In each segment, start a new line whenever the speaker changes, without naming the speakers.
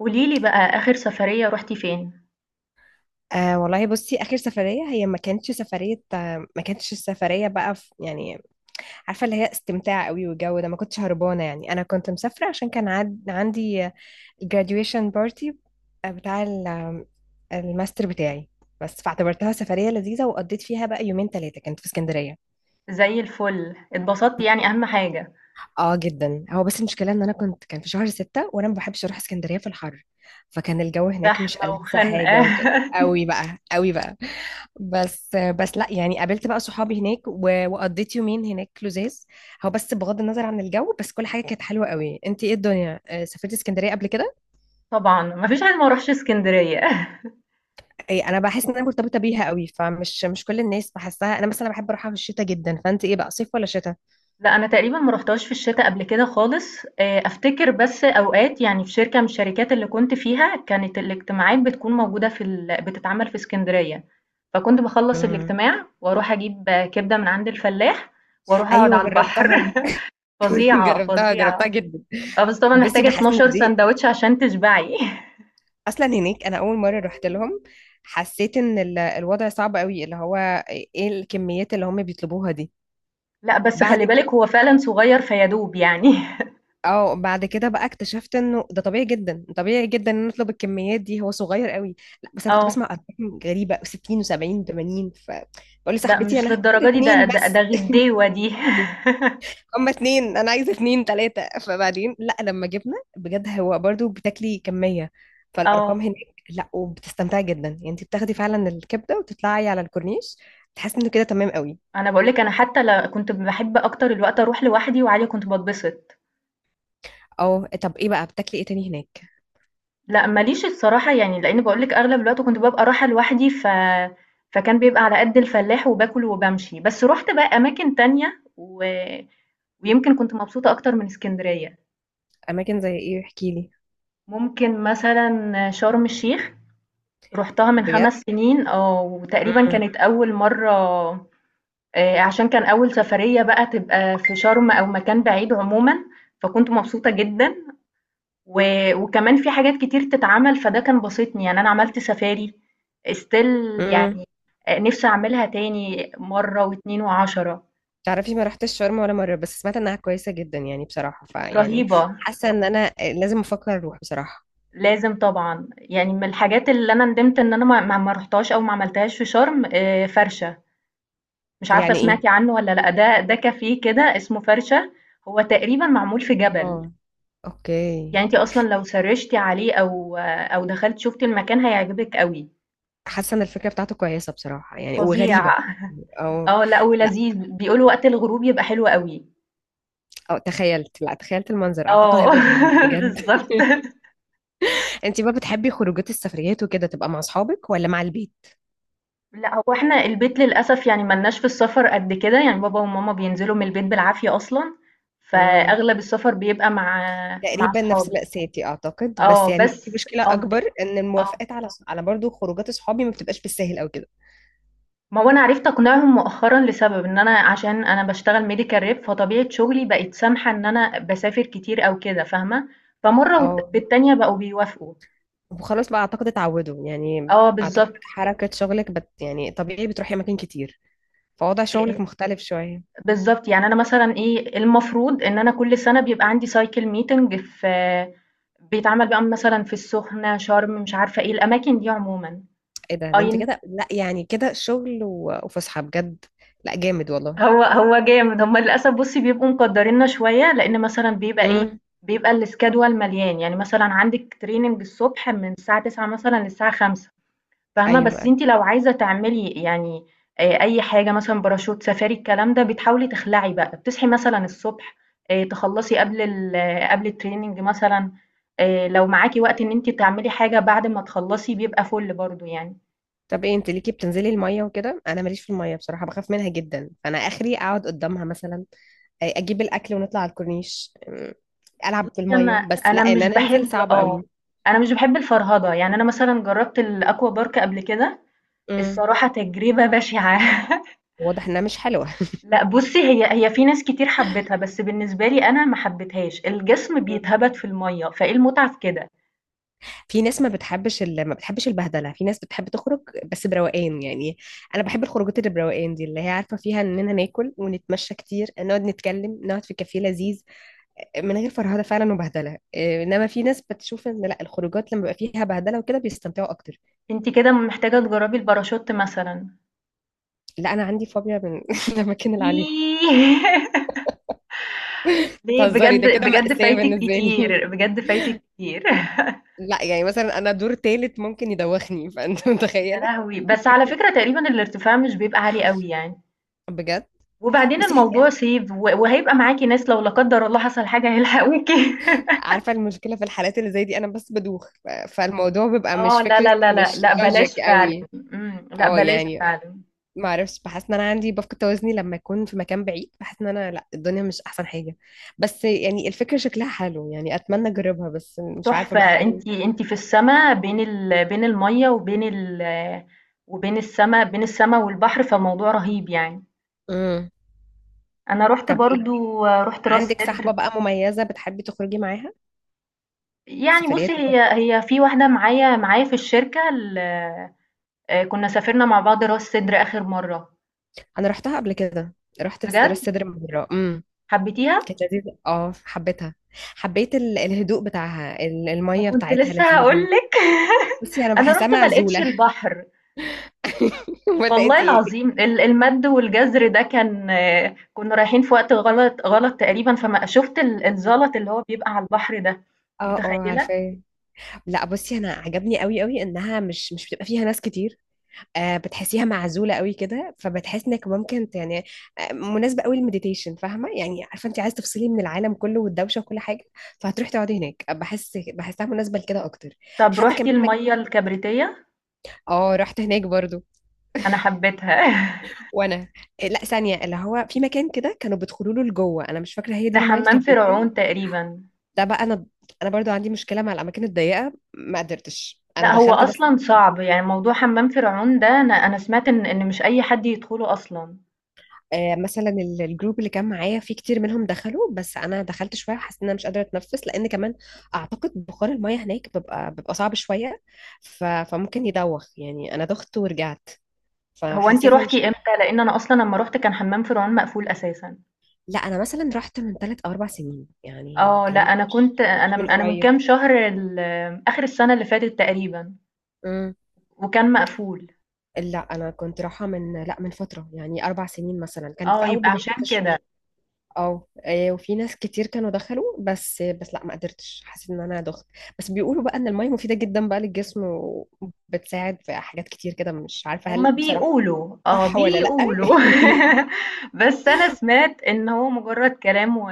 قوليلي بقى آخر سفرية رُحتِ فين؟
آه والله بصي. اخر سفريه هي ما كانتش السفريه بقى في، يعني عارفه اللي هي استمتاع قوي، والجو ده ما كنتش هربانه. يعني انا كنت مسافره عشان كان عندي graduation party، بتاع الماستر بتاعي. بس فاعتبرتها سفريه لذيذه، وقضيت فيها بقى يومين ثلاثه، كانت في اسكندريه.
زي الفل، اتبسطتِ يعني أهم حاجة.
اه جدا. هو بس المشكله ان انا كان في شهر 6، وانا ما بحبش اروح اسكندريه في الحر. فكان الجو هناك مش
زحمة
ألذ
وخنقة.
حاجه، وكده قوي بقى قوي بقى. بس لا يعني قابلت بقى صحابي هناك و- وقضيت يومين هناك لزاز. هو بس بغض النظر عن الجو، بس كل حاجه كانت حلوه قوي. انت ايه الدنيا، سافرتي اسكندريه قبل كده؟
طبعًا، ما فيش حد ما راحش إسكندرية.
اي انا بحس ان انا مرتبطه بيها قوي، فمش مش كل الناس بحسها. انا مثلا بحب اروحها في الشتاء جدا. فانت ايه بقى، صيف ولا شتاء؟
لأ، أنا تقريبًا ما رُحتهاش في الشتا قبل كده خالص، أفتكر بس أوقات يعني في شركة من الشركات اللي كنت فيها، كانت الاجتماعات بتكون موجودة في بتتعمل في إسكندرية، فكنت باخلّص
مم.
الاجتماع وأروح أجيب كبدة من عند الفلاح وأروح أقعد
ايوه
على البحر.
جربتها.
فظيعة،
جربتها
فظيعة.
جربتها جدا.
آه، بس طبعًا
بس
محتاجة
بحس ان
12
دي
ساندوتش عشان تشبعي.
اصلا هناك، انا اول مره رحت لهم حسيت ان الوضع صعب قوي، اللي هو ايه الكميات اللي هم بيطلبوها دي.
لأ، بس
بعد
خلّي بالِك
كده.
هو فعلًا صغير فيادوب يعني.
اه، بعد كده بقى اكتشفت انه ده طبيعي جدا، طبيعي جدا ان نطلب الكميات دي، هو صغير قوي. لا بس انا كنت
آه،
بسمع ارقام غريبه، 60 و70 و80، فبقول
لأ
لصاحبتي
مش
انا هاخد
للدرجة دي، ده
اتنين
ده ده
بس.
غديوة دي.
هما اتنين، انا عايزه اتنين تلاته، فبعدين لا لما جبنا بجد هو برضو بتاكلي كميه،
آه،
فالارقام هناك. لا وبتستمتعي جدا، يعني انت بتاخدي فعلا الكبده وتطلعي على الكورنيش، تحسي انه كده تمام قوي.
أنا باقول لِك، أنا حتى كنت باحب أكتر الوقت أروح لوحدي وعادي كنت باتبسط.
اه، طب ايه بقى بتاكلي ايه تاني هناك؟
لأ، ما ليش الصراحة، يعني لإن باقول لِك أغلب الوقت كنت بابقى رايحة لوحدي، فكان بيبقى على قد الفلاح وباكل وبامشي، بس رُحت بقى أماكن تانية ويمكن كنت مبسوطة أكتر من إسكندرية.
اماكن زي ايه، احكي لي.
ممكن مثلًا شرم الشيخ، رُحتها من
بجد.
5 سنين وتقريبًا كانت أول مرّة، عشان كان أول سفرية بقى تبقى في شرم أو مكان بعيد عمومًا، فكنت مبسوطة جدًا و وكمان في حاجات كتير تتعمل، فده كان باسطني. يعني أنا عملت سفاري still
امم
يعني، نِفْسي أعملها تاني مرّة و2 و10.
تعرفي ما رحتش شرم ولا مرة، بس سمعت انها كويسة جدا يعني بصراحة، فيعني
رهيبة،
حاسة ان انا لازم افكر اروح بصراحة.
لازم طبعًا، يعني من الحاجات اللي أنا ندمت إن أنا ما رُحتهاش أو ما عملتهاش في شرم، فرشة. مش عارفة
يعني
سمعتي
ايه؟
عنه والّا لأ، ده كافيه كده اسمه فرشة، هو تقريبًا معمول في جبل،
اه، اوكي.
يعني أنتِ أصلًا لو سرِّشتِ عليه أو دخلتِ شُفتِ المكان هيعجبِك أوي،
حاسة ان الفكرة بتاعته كويسة بصراحة يعني، وغريبة.
فظيع.
او،
آه، لأ
لا،
ولذيذ، بيقولوا وقت الغروب يبقى حلو أوي.
او تخيلت، لا، تخيلت المنظر، اعتقد
آه.
هيبقى جامد بجد.
بالضبط.
انت بقى بتحبي خروجات السفريات وكده تبقى مع اصحابك ولا مع البيت؟
لأ، هو إحنا البيت للأسف، يعني ما لناش في السفر قد كده، يعني بابا وماما بينزلوا من البيت بالعافية أصلًا،
امم
فأغلب السفر بيبقى مع
تقريبا نفس
صحابي.
مأساتي اعتقد، بس
آه،
يعني في
بس
مشكلة اكبر ان
آه.
الموافقات على برضو خروجات اصحابي ما بتبقاش بالسهل او كده.
ما هو أنا عرفت أقنعهم مؤخرًا لسبب، إن أنا عشان أنا باشتغل medical rep، فطبيعة شغلي بقت سامحة إن أنا باسافر كتير أو كده، فاهمة؟ فمرّة والت
اه،
في التانية بقوا بيوافقوا.
وخلاص بقى اعتقد اتعودوا يعني.
آه،
اعتقد
بالضبط.
حركة شغلك يعني طبيعي بتروحي اماكن كتير، فوضع
آآ
شغلك مختلف شوية.
بالضبط، يعني أنا مثلًا إيه، المفروض إن أنا كل سنة بيبقى عندي cycle meeting، في بيتعمل بقى مثلًا في السخنة، شرم، مش عارفة إيه، الأماكن دي عمومًا.
ايه ده انت
أي،
كده، لا يعني كده شغل و- وفسحة بجد. لا جامد والله.
هو جامد. هُم للأسف بُصّي بيبقوا مقدّريننا شوية، لإن مثلًا بيبقى إيه،
امم
بيبقى الschedule مليان، يعني مثلًا عندِك training الصبح من الساعة 09:00 مثلًا للساعة 17:00، فاهمة؟
ايوه،
بس
أيوة.
أنتِ لو عايزة تعملي يعني أي حاجة مثلًا باراشوت، سفاري، الكلام ده، بتحاولي تخلعي بقى، بتصحي مثلًا الصبح، تخلّصي قبل ال آه، قبل الtraining مثلًا، لو معاكِ وقت إن أنتِ تعملي حاجة بعد ما تخلّصي بيبقى فُل برضه يعني.
طب ايه، انت ليكي بتنزلي المية وكده؟ انا ماليش في المية بصراحة، بخاف منها جدا، فانا اخري اقعد قدامها مثلا، اجيب الاكل ونطلع على الكورنيش، العب في المية
أنا
بس، لا
أنا
ان
مش
انا انزل
باحب
صعب
آه،
قوي.
أنا مش باحب الفرهدة، يعني أنا مثلًا جرّبت الaqua park قبل كده،
امم
الصراحة تجربة بشعة.
واضح انها مش حلوة.
لأ بُصّي، هي في ناس كتير حبِّتها، بس بالنسبة لي أنا ما حبيتهاش، الجسم بيتهبَد في المَيّة، فإيه المتعة في كده؟
في ناس ما بتحبش البهدله، في ناس بتحب تخرج بس بروقان يعني. انا بحب الخروجات اللي بروقان دي، اللي هي عارفه فيها اننا ناكل ونتمشى كتير، نقعد نتكلم، نقعد في كافيه لذيذ من غير فرهده فعلا وبهدله، إيه، انما في ناس بتشوف ان لا، الخروجات لما بيبقى فيها بهدله وكده بيستمتعوا اكتر.
أنتِ كده محتاجة تجرّبي الباراشوت مثلًا.
لا انا عندي فوبيا من الاماكن اللي عليها.
إيه! ليه؟
تهزري، ده
بجد
كده
بجد
مأساة
فايتِك
بالنسبه لي.
كتير، بجد فايتِك كتير.
لا يعني مثلا انا دور تالت ممكن يدوخني، فانت
يا
متخيله.
لهوي! بس على فكرة تقريبًا الارتفاع مش بيبقى عالي أوي يعني،
بجد.
وبعدين
بصي،
الموضوع سيف وهيبقى معاكِ ناس، لو لا قدّر الله حصل حاجة هيلحقوكِ.
عارفة المشكلة في الحالات اللي زي دي، أنا بس بدوخ، ف- فالموضوع بيبقى مش
آه، لا،
فكرة،
لا، لا، لا،
مش
لأ بلاش
لوجيك
فعلًا،
قوي.
لأ
اه،
بلاش
يعني
فعلًا.
ما اعرفش، بحس ان انا بفقد توازني لما اكون في مكان بعيد، بحس ان انا، لا، الدنيا مش احسن حاجة. بس يعني الفكرة شكلها حلو يعني، اتمنى اجربها، بس مش عارفة
تحفة،
بقى هل.
أنتِ في السما، بين ال بين المَيّة وبين ال وبين السما، بين السما والبحر، فالموضوع رهيب يعني.
امم
أنا رُحت
طب ايه،
برضه، رُحت راس
عندك
سدر.
صاحبة بقى مميزة بتحبي تخرجي معاها
يعني بُصّي،
سفريات وكده؟
هي في واحدة معايا في الشركة، ال كنا سافرنا مع بعض راس سدر آخر مرّة.
انا رحتها قبل كده، رحت راس
بجد؟
سدر مرة.
حبيتيها؟
كانت لذيذة، اه حبيتها، حبيت الهدوء بتاعها، ال-
ما
المية
كنت
بتاعتها
لسه
لذيذة.
هقولك.
بصي انا
انا
بحسها
رحت ما لقيتش
معزوله،
البحر،
ولا
والله
انت ايه؟
العظيم، المد والجزر ده كان، كنا رايحين في وقت غلط غلط تقريبا، فما شفت الزلط اللي هو بيبقى على البحر ده،
اه اه،
متخيلة؟
عارفاه. لا بصي انا عجبني قوي قوي انها مش بتبقى فيها ناس كتير. آه، بتحسيها معزوله قوي كده، فبتحس انك ممكن يعني، آه مناسبه قوي للمديتيشن، فاهمه يعني عارفه انت عايز تفصلي من العالم كله والدوشه وكل حاجه، فهتروحي تقعدي هناك، بحسها مناسبه لكده اكتر.
طب
حتى
روحتي
كمان
المية الكبريتية؟
اه، رحت هناك برضو.
انا حبيتها.
وانا. لا ثانيه، اللي هو في مكان كده كانوا بيدخلوا له لجوه، انا مش فاكره هي دي
ده
المايه
حمام
الكبريتيه.
فرعون تقريبا.
ده بقى انا برضو عندي مشكله مع الاماكن الضيقه، ما قدرتش، انا
لا، هو
دخلت بس.
اصلا صعب، يعني موضوع حمام فرعون ده، انا سمعت ان مش اي حد يدخله اصلا.
مثلا الجروب اللي كان معايا فيه كتير منهم دخلوا، بس انا دخلت شويه وحسيت ان انا مش قادره اتنفس، لان كمان اعتقد بخار الميه هناك بيبقى صعب شويه. فممكن يدوخ يعني، انا دخت ورجعت،
هو انتي
فحسيت ان مش.
روحتي امتى؟ لان انا اصلا لما روحت كان حمام فرعون مقفول اساسا.
لا انا مثلا رحت من 3 أو 4 سنين يعني،
اه، لا،
الكلام ده
انا
مش،
كنت انا
مش من
انا من
قريب.
كام شهر، اخر السنه اللي فاتت تقريبا،
امم
وكان مقفول.
لا انا كنت رايحه من، لا، من فتره يعني 4 سنين مثلا، كان في
اه،
اول
يبقى
بدايتي في
عشان كده.
الشغل. اه، إيه، وفي ناس كتير كانوا دخلوا، بس بس لا ما قدرتش، حسيت ان انا دخت. بس بيقولوا بقى ان المية مفيدة جدا بقى للجسم، وبتساعد في حاجات كتير كده، مش عارفة
هما
هل بصراحة
بيقولوا،
صح ولا لا.
بيقولوا. بس انا سمعت ان هو مجرد كلام، و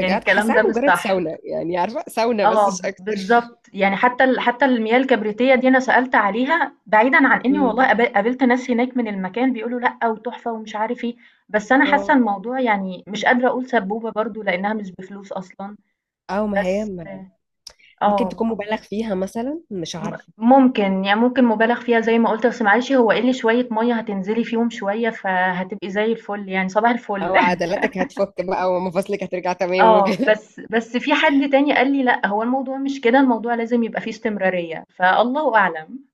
يعني الكلام
حاساها
ده مش
مجرد
صح.
ساونا يعني، عارفة ساونا بس
اه،
مش اكتر.
بالظبط، يعني حتى حتى المياه الكبريتيه دي، انا سالت عليها، بعيدا عن اني والله
امم،
قابلت ناس هناك من المكان بيقولوا لا وتحفه ومش عارف ايه، بس انا حاسه
اه.
الموضوع يعني مش قادره اقول سبوبه برضو لانها مش بفلوس اصلا.
او ما هي،
بس
ممكن
اه،
تكون مبالغ فيها مثلا، مش عارفة.
ممكن، يعني ممكن مبالغ فيها زي ما قلت، بس معلش، هو قل شوية مية هتنزلي فيهم شوية، فهتبقي زي الفل يعني، صباح الفل.
او عضلاتك هتفك بقى ومفاصلك هترجع تمام
اه،
وكده.
بس في حد تاني قال لي لا، هو الموضوع مش كده، الموضوع لازم يبقى فيه استمرارية، فالله أعلم.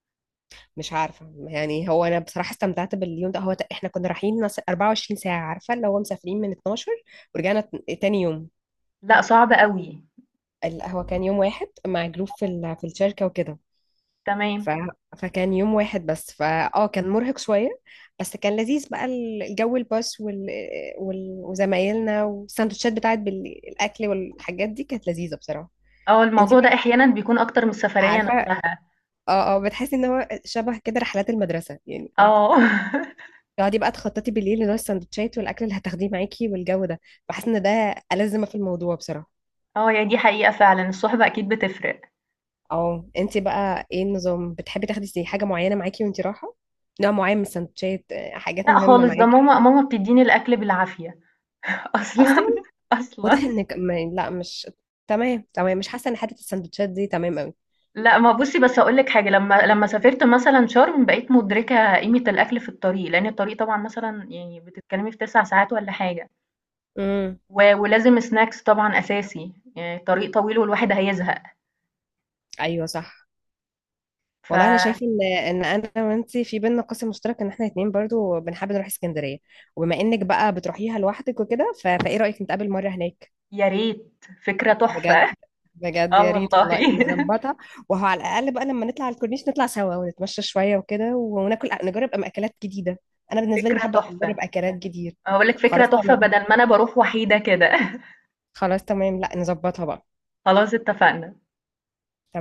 مش عارفة يعني، هو أنا بصراحة استمتعت باليوم ده، هو إحنا كنا رايحين 24 ساعة، عارفة اللي هو مسافرين من 12 ورجعنا تاني يوم.
لا، صعب قوي.
هو كان يوم واحد مع جروب في الشركة وكده. ف...
تمام.
فكان يوم واحد بس، فا كان مرهق شوية، بس كان لذيذ بقى، الجو، الباص، وزمايلنا، والسندوتشات بتاعت بالأكل والحاجات دي كانت لذيذة بصراحة.
اه،
انتي
الموضوع ده
بقى،
احيانا بيكون اكتر من السفرية
عارفة،
نفسها.
اه اه، بتحسي ان هو شبه كده رحلات المدرسة يعني،
اه.
تقعدي بقى تخططي بالليل لنوع السندوتشات والاكل اللي هتاخديه معاكي والجو ده، بحس ان ده ألذ ما في الموضوع بصراحه.
اه يعني، دي حقيقة فعلا، الصحبة اكيد بتفرق.
اه، انت بقى ايه النظام، بتحبي تاخدي زي حاجه معينه معاكي وانت رايحه، نوع معين من السندوتشات، حاجات
لا
مهمه
خالص، ده
معاكي؟
ماما بتديني الاكل بالعافية.
اصلا.
اصلا.
واضح
اصلا.
انك ما... لا، مش تمام، تمام مش حاسه ان حته السندوتشات دي تمام قوي.
لأ، ما بُصّي، بس هاقول لِك حاجة، لمّا سافرت مثلًا شرم، بقيت مُدركة قيمة الأكل في الطريق، لأن الطريق طبعًا مثلًا يعني بتتكلمي في 9 ساعات والّا حاجة،
امم،
ولازم snacks طبعًا أساسي، يعني الطريق طويل والواحد هيزهق،
ايوه صح. والله انا
فيا
شايفه ان انا وانت في بينا قاسم مشترك، ان احنا اتنين برضو بنحب نروح اسكندريه، وبما انك بقى بتروحيها لوحدك وكده، فايه رايك نتقابل مره هناك؟
ريت، فكرة
بجد،
تحفة.
بجد يا
آه
ريت
والله.
والله نظبطها، وهو على الاقل بقى لما نطلع على الكورنيش نطلع سوا ونتمشى شويه وكده وناكل، نجرب اكلات جديده. انا بالنسبه لي
فكرة
بحب اجرب
تحفة،
اكلات جديده.
هاقول لِك فكرة
خلاص
تحفة
تمام،
بدل ما أنا باروح وحيدة كده.
خلاص تمام، لا نظبطها بقى.
خلاص، اتفقنا.